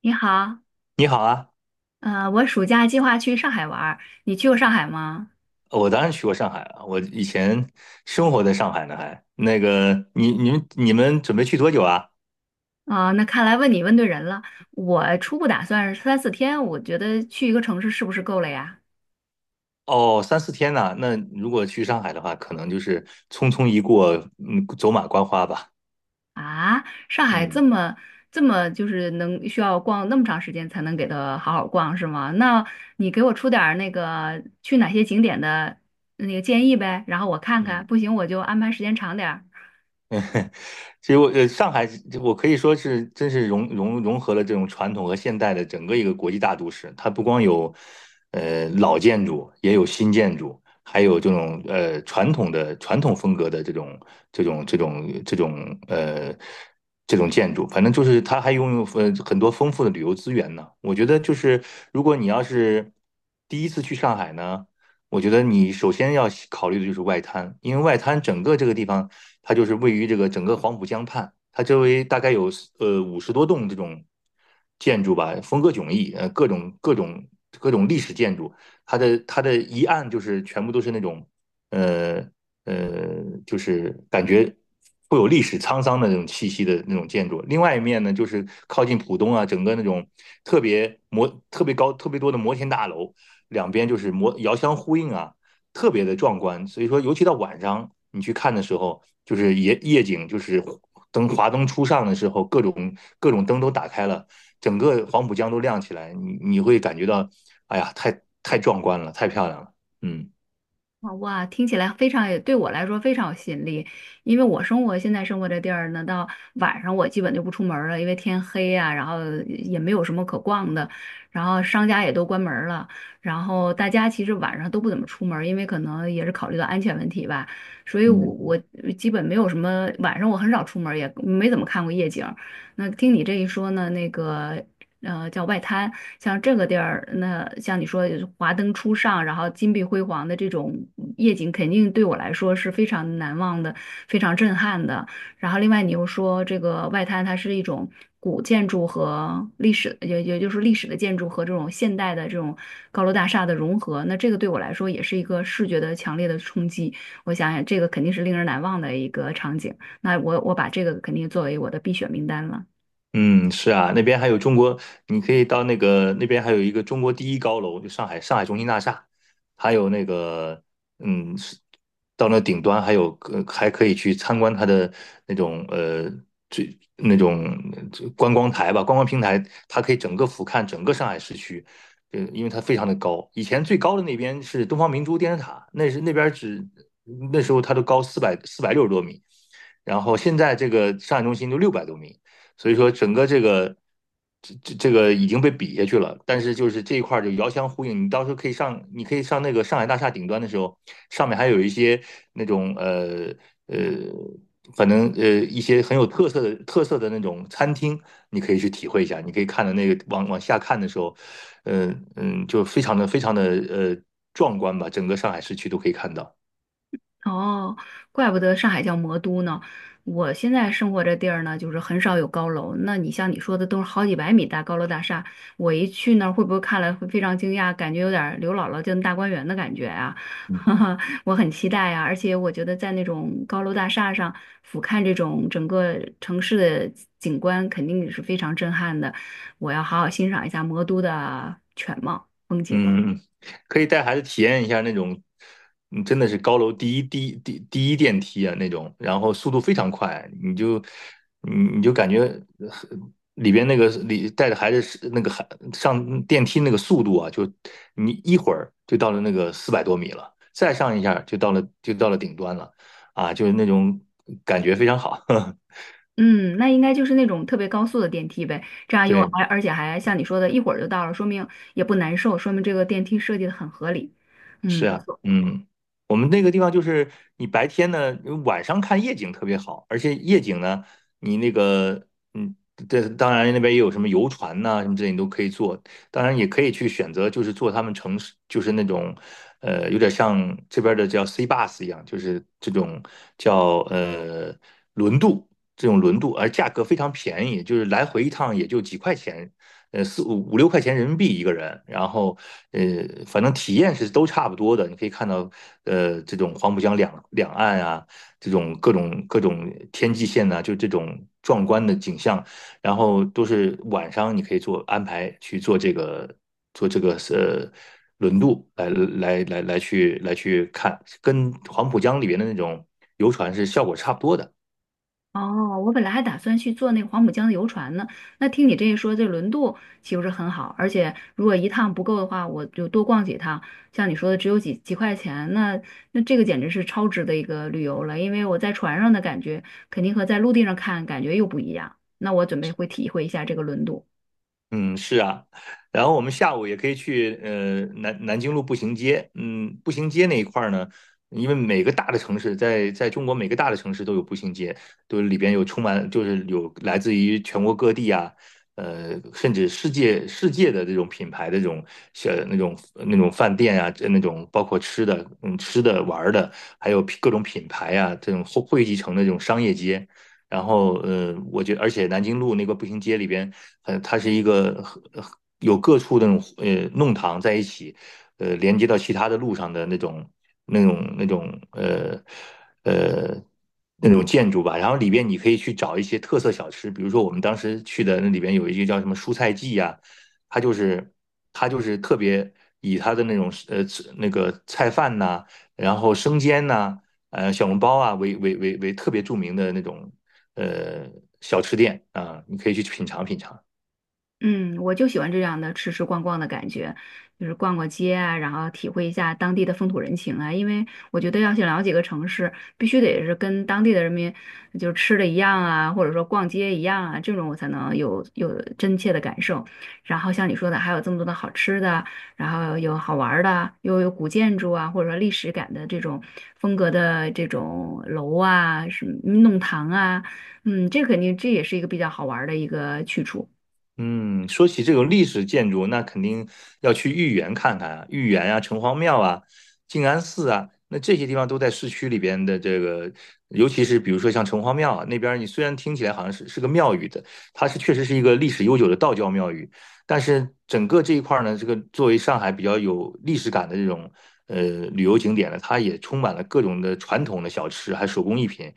你好，你好啊。我暑假计划去上海玩儿，你去过上海吗？我当然去过上海了，我以前生活在上海呢还。那个，你们准备去多久啊？啊、那看来问你问对人了。我初步打算是三四天，我觉得去一个城市是不是够了呀？哦，三四天呢，那如果去上海的话，可能就是匆匆一过，走马观花吧。啊，上海这嗯么这么就是能需要逛那么长时间才能给它好好逛是吗？那你给我出点儿那个去哪些景点的那个建议呗，然后我看看，嗯。不行我就安排时间长点儿。其实我上海我可以说是真是融合了这种传统和现代的整个一个国际大都市。它不光有老建筑，也有新建筑，还有这种传统风格的这种这种这种呃这种建筑。反正就是它还拥有很多丰富的旅游资源呢。我觉得就是如果你要是第一次去上海呢，我觉得你首先要考虑的就是外滩。因为外滩整个这个地方它就是位于这个整个黄浦江畔，它周围大概有50多栋这种建筑吧，风格迥异，各种历史建筑。它的一岸就是全部都是那种呃，就是感觉。会有历史沧桑的那种气息的那种建筑，另外一面呢，就是靠近浦东啊，整个那种特别高、特别多的摩天大楼，两边就是遥相呼应啊，特别的壮观。所以说，尤其到晚上你去看的时候，就是夜景，就是华灯初上的时候，各种灯都打开了，整个黄浦江都亮起来，你会感觉到，哎呀，太壮观了，太漂亮了。嗯好哇，听起来非常，也对我来说非常有吸引力，因为我现在生活这地儿呢，到晚上我基本就不出门儿了，因为天黑啊，然后也没有什么可逛的，然后商家也都关门儿了，然后大家其实晚上都不怎么出门儿因为可能也是考虑到安全问题吧，所以我嗯。我基本没有什么晚上我很少出门儿也没怎么看过夜景儿。那听你这一说呢，那个叫外滩，像这个地儿，那像你说华灯初上，然后金碧辉煌的这种夜景，肯定对我来说是非常难忘的，非常震撼的。然后另外你又说这个外滩，它是一种古建筑和历史，也就是历史的建筑和这种现代的这种高楼大厦的融合，那这个对我来说也是一个视觉的强烈的冲击。我想想，这个肯定是令人难忘的一个场景。那我把这个肯定作为我的必选名单了。嗯，是啊，那边还有中国，你可以到那个那边还有一个中国第一高楼，就上海中心大厦，还有那个，是到那顶端还有还可以去参观它的那种呃那种观光台吧，观光平台，它可以整个俯瞰整个上海市区。因为它非常的高，以前最高的那边是东方明珠电视塔，那是那边只那时候它都高四百六十多米，然后现在这个上海中心都600多米。所以说整个这个这个已经被比下去了，但是就是这一块儿就遥相呼应。你到时候可以上那个上海大厦顶端的时候，上面还有一些那种呃，反正一些很有特色的那种餐厅，你可以去体会一下。你可以看到那个往下看的时候，就非常的壮观吧，整个上海市区都可以看到。哦，怪不得上海叫魔都呢。我现在生活这地儿呢，就是很少有高楼。那你像你说的，都是好几百米大高楼大厦。我一去那儿，会不会看了会非常惊讶，感觉有点儿刘姥姥进大观园的感觉啊？嗯。哈哈，我很期待啊！而且我觉得在那种高楼大厦上俯瞰这种整个城市的景观，肯定也是非常震撼的。我要好好欣赏一下魔都的全貌风景。嗯，嗯嗯可以带孩子体验一下那种，真的是高楼第一电梯啊那种，然后速度非常快，你就感觉呃里边那个里带着孩子是那个孩上电梯那个速度啊，就你一会儿就到了那个400多米了，再上一下就到了顶端了，啊，就是那种感觉非常好。嗯，那应该就是那种特别高速的电梯呗，这样又对。而而且还像你说的，一会儿就到了，说明也不难受，说明这个电梯设计的很合理。嗯，是不啊，错。我们那个地方就是你白天呢，晚上看夜景特别好，而且夜景呢，你那个，嗯，这当然那边也有什么游船呐、什么之类，你都可以坐。当然也可以去选择，就是坐他们城市，就是那种，有点像这边的叫 C bus 一样，就是这种叫轮渡，这种轮渡，而价格非常便宜，就是来回一趟也就几块钱，四五五六块钱人民币一个人，然后呃反正体验是都差不多的。你可以看到这种黄浦江两岸啊，这种各种天际线呐、就这种壮观的景象，然后都是晚上你可以做安排去做这个做这个呃轮渡来来去去看，跟黄浦江里边的那种游船是效果差不多的。哦，我本来还打算去坐那个黄浦江的游船呢，那听你这一说，这轮渡岂不是很好？而且如果一趟不够的话，我就多逛几趟。像你说的，只有几块钱，那这个简直是超值的一个旅游了，因为我在船上的感觉肯定和在陆地上看感觉又不一样。那我准备会体会一下这个轮渡。嗯，是啊，然后我们下午也可以去南京路步行街。嗯，步行街那一块儿呢，因为每个大的城市在中国每个大的城市都有步行街，都里边有充满就是有来自于全国各地啊，甚至世界的这种品牌的这种小那种那种饭店啊，这那种包括吃的，吃的玩儿的，还有各种品牌啊，这种汇集成的这种商业街。然后我觉得而且南京路那个步行街里边，它是一个有各处的那种弄堂在一起，连接到其他的路上的那种那种呃呃那种建筑吧。然后里边你可以去找一些特色小吃，比如说我们当时去的那里边有一个叫什么蔬菜记呀，它就是它就是特别以它的那种那个菜饭呐、然后生煎呐、小笼包啊为特别著名的那种呃小吃店啊，你可以去品尝品尝。嗯，我就喜欢这样的吃吃逛逛的感觉，就是逛逛街啊，然后体会一下当地的风土人情啊。因为我觉得要想了解一个城市，必须得是跟当地的人民就是吃的一样啊，或者说逛街一样啊，这种我才能有真切的感受。然后像你说的，还有这么多的好吃的，然后有好玩儿的，又有古建筑啊，或者说历史感的这种风格的这种楼啊，什么弄堂啊，嗯，这肯定这也是一个比较好玩儿的一个去处。嗯，说起这种历史建筑，那肯定要去豫园看看啊。豫园啊、城隍庙啊、静安寺啊，那这些地方都在市区里边的这个。尤其是比如说像城隍庙啊那边儿，你虽然听起来好像是个庙宇的，它确实是一个历史悠久的道教庙宇，但是整个这一块儿呢，这个作为上海比较有历史感的这种呃旅游景点呢，它也充满了各种的传统的小吃，还有手工艺品。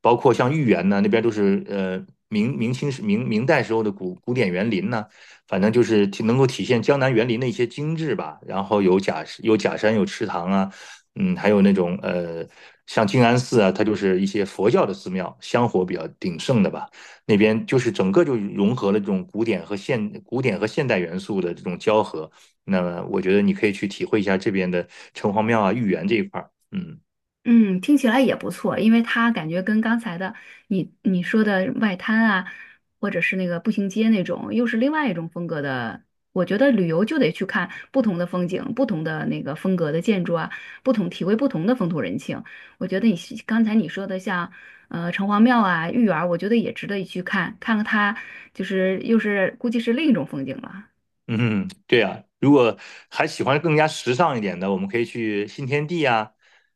包括像豫园呢，那边都是明代时候的古典园林呢，反正就是能够体现江南园林的一些精致吧。然后有假山，有池塘啊。还有那种像静安寺啊，它就是一些佛教的寺庙，香火比较鼎盛的吧。那边就是整个就融合了这种古典和现代元素的这种交合。那么我觉得你可以去体会一下这边的城隍庙啊、豫园这一块儿。嗯。嗯，听起来也不错，因为它感觉跟刚才的你说的外滩啊，或者是那个步行街那种，又是另外一种风格的。我觉得旅游就得去看不同的风景、不同的那个风格的建筑啊，不同体会不同的风土人情。我觉得你是刚才你说的像城隍庙啊、豫园儿我觉得也值得一去看，看看它就是又是估计是另一种风景了。嗯，对啊，如果还喜欢更加时尚一点的，我们可以去新天地啊，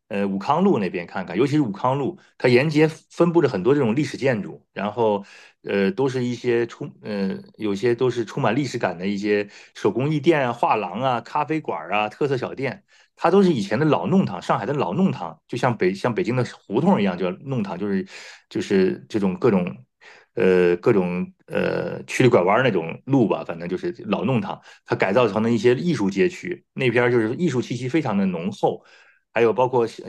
武康路那边看看。尤其是武康路，它沿街分布着很多这种历史建筑，然后，呃，都是一些充，呃，有些都是充满历史感的一些手工艺店啊、画廊啊、咖啡馆啊、特色小店。它都是以前的老弄堂，上海的老弄堂，就像像北京的胡同一样，叫弄堂，就是这种各种曲里拐弯那种路吧，反正就是老弄堂，它改造成了一些艺术街区，那边就是艺术气息非常的浓厚。还有包括是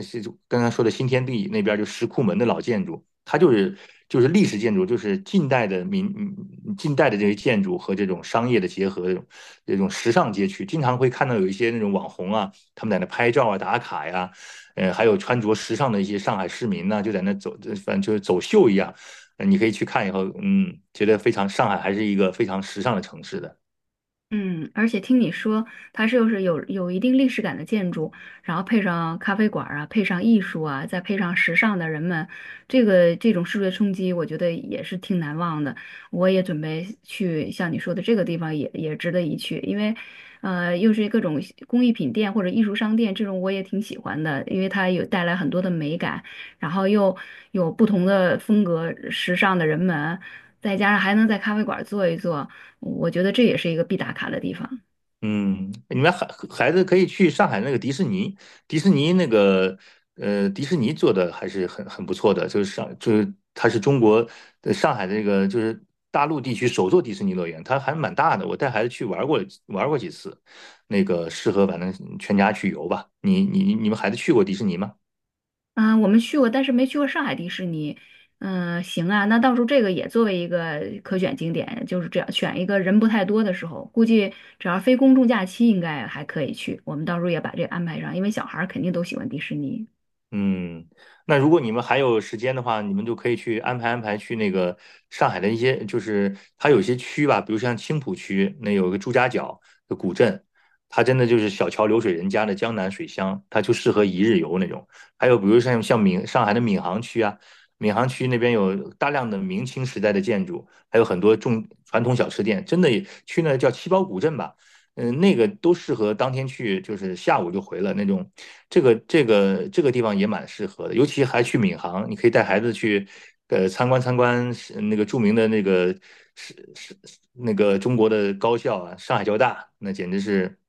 刚才说的新天地那边就石库门的老建筑，它就是历史建筑，就是近代的这些建筑和这种商业的结合，这种时尚街区，经常会看到有一些那种网红啊。他们在那拍照啊、打卡呀、啊，还有穿着时尚的一些上海市民呢，啊就在那走，反正就是走秀一样。你可以去看以后，觉得非常上海还是一个非常时尚的城市的。嗯，而且听你说，它是又是有一定历史感的建筑，然后配上咖啡馆儿啊，配上艺术啊，再配上时尚的人们，这个这种视觉冲击，我觉得也是挺难忘的。我也准备去像你说的这个地方也，也值得一去，因为，又是各种工艺品店或者艺术商店，这种我也挺喜欢的，因为它有带来很多的美感，然后又有不同的风格、时尚的人们。再加上还能在咖啡馆坐一坐，我觉得这也是一个必打卡的地方。嗯，你们孩子可以去上海那个迪士尼。迪士尼那个，迪士尼做的还是很不错的。就是就是它是中国上海的那个就是大陆地区首座迪士尼乐园，它还蛮大的，我带孩子去玩过几次，那个适合反正全家去游吧。你们孩子去过迪士尼吗？啊、我们去过，但是没去过上海迪士尼。嗯、行啊，那到时候这个也作为一个可选景点，就是这样选一个人不太多的时候，估计只要非公众假期，应该还可以去。我们到时候也把这个安排上，因为小孩儿肯定都喜欢迪士尼。嗯，那如果你们还有时间的话，你们就可以去安排安排去那个上海的一些，就是它有一些区吧，比如像青浦区，那有一个朱家角的古镇，它真的就是小桥流水人家的江南水乡，它就适合一日游那种。还有比如像上海的闵行区啊，闵行区那边有大量的明清时代的建筑，还有很多重传统小吃店，真的也去那叫七宝古镇吧。那个都适合当天去，就是下午就回了那种。这个地方也蛮适合的，尤其还去闵行，你可以带孩子去，参观参观是那个著名的那个是是中国的高校啊，上海交大，那简直是，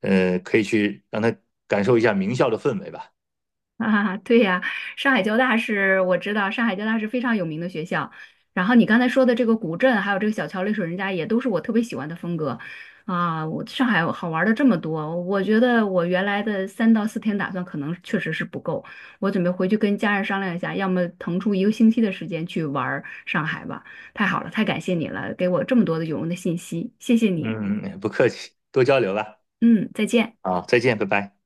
可以去让他感受一下名校的氛围吧。啊，对呀，上海交大是我知道，上海交大是非常有名的学校。然后你刚才说的这个古镇，还有这个小桥流水人家，也都是我特别喜欢的风格啊。我上海好玩的这么多，我觉得我原来的3到4天打算可能确实是不够，我准备回去跟家人商量一下，要么腾出一个星期的时间去玩儿上海吧。太好了，太感谢你了，给我这么多的有用的信息，谢谢嗯，你。嗯嗯，不客气，多交流吧。嗯，再见。啊，再见，拜拜。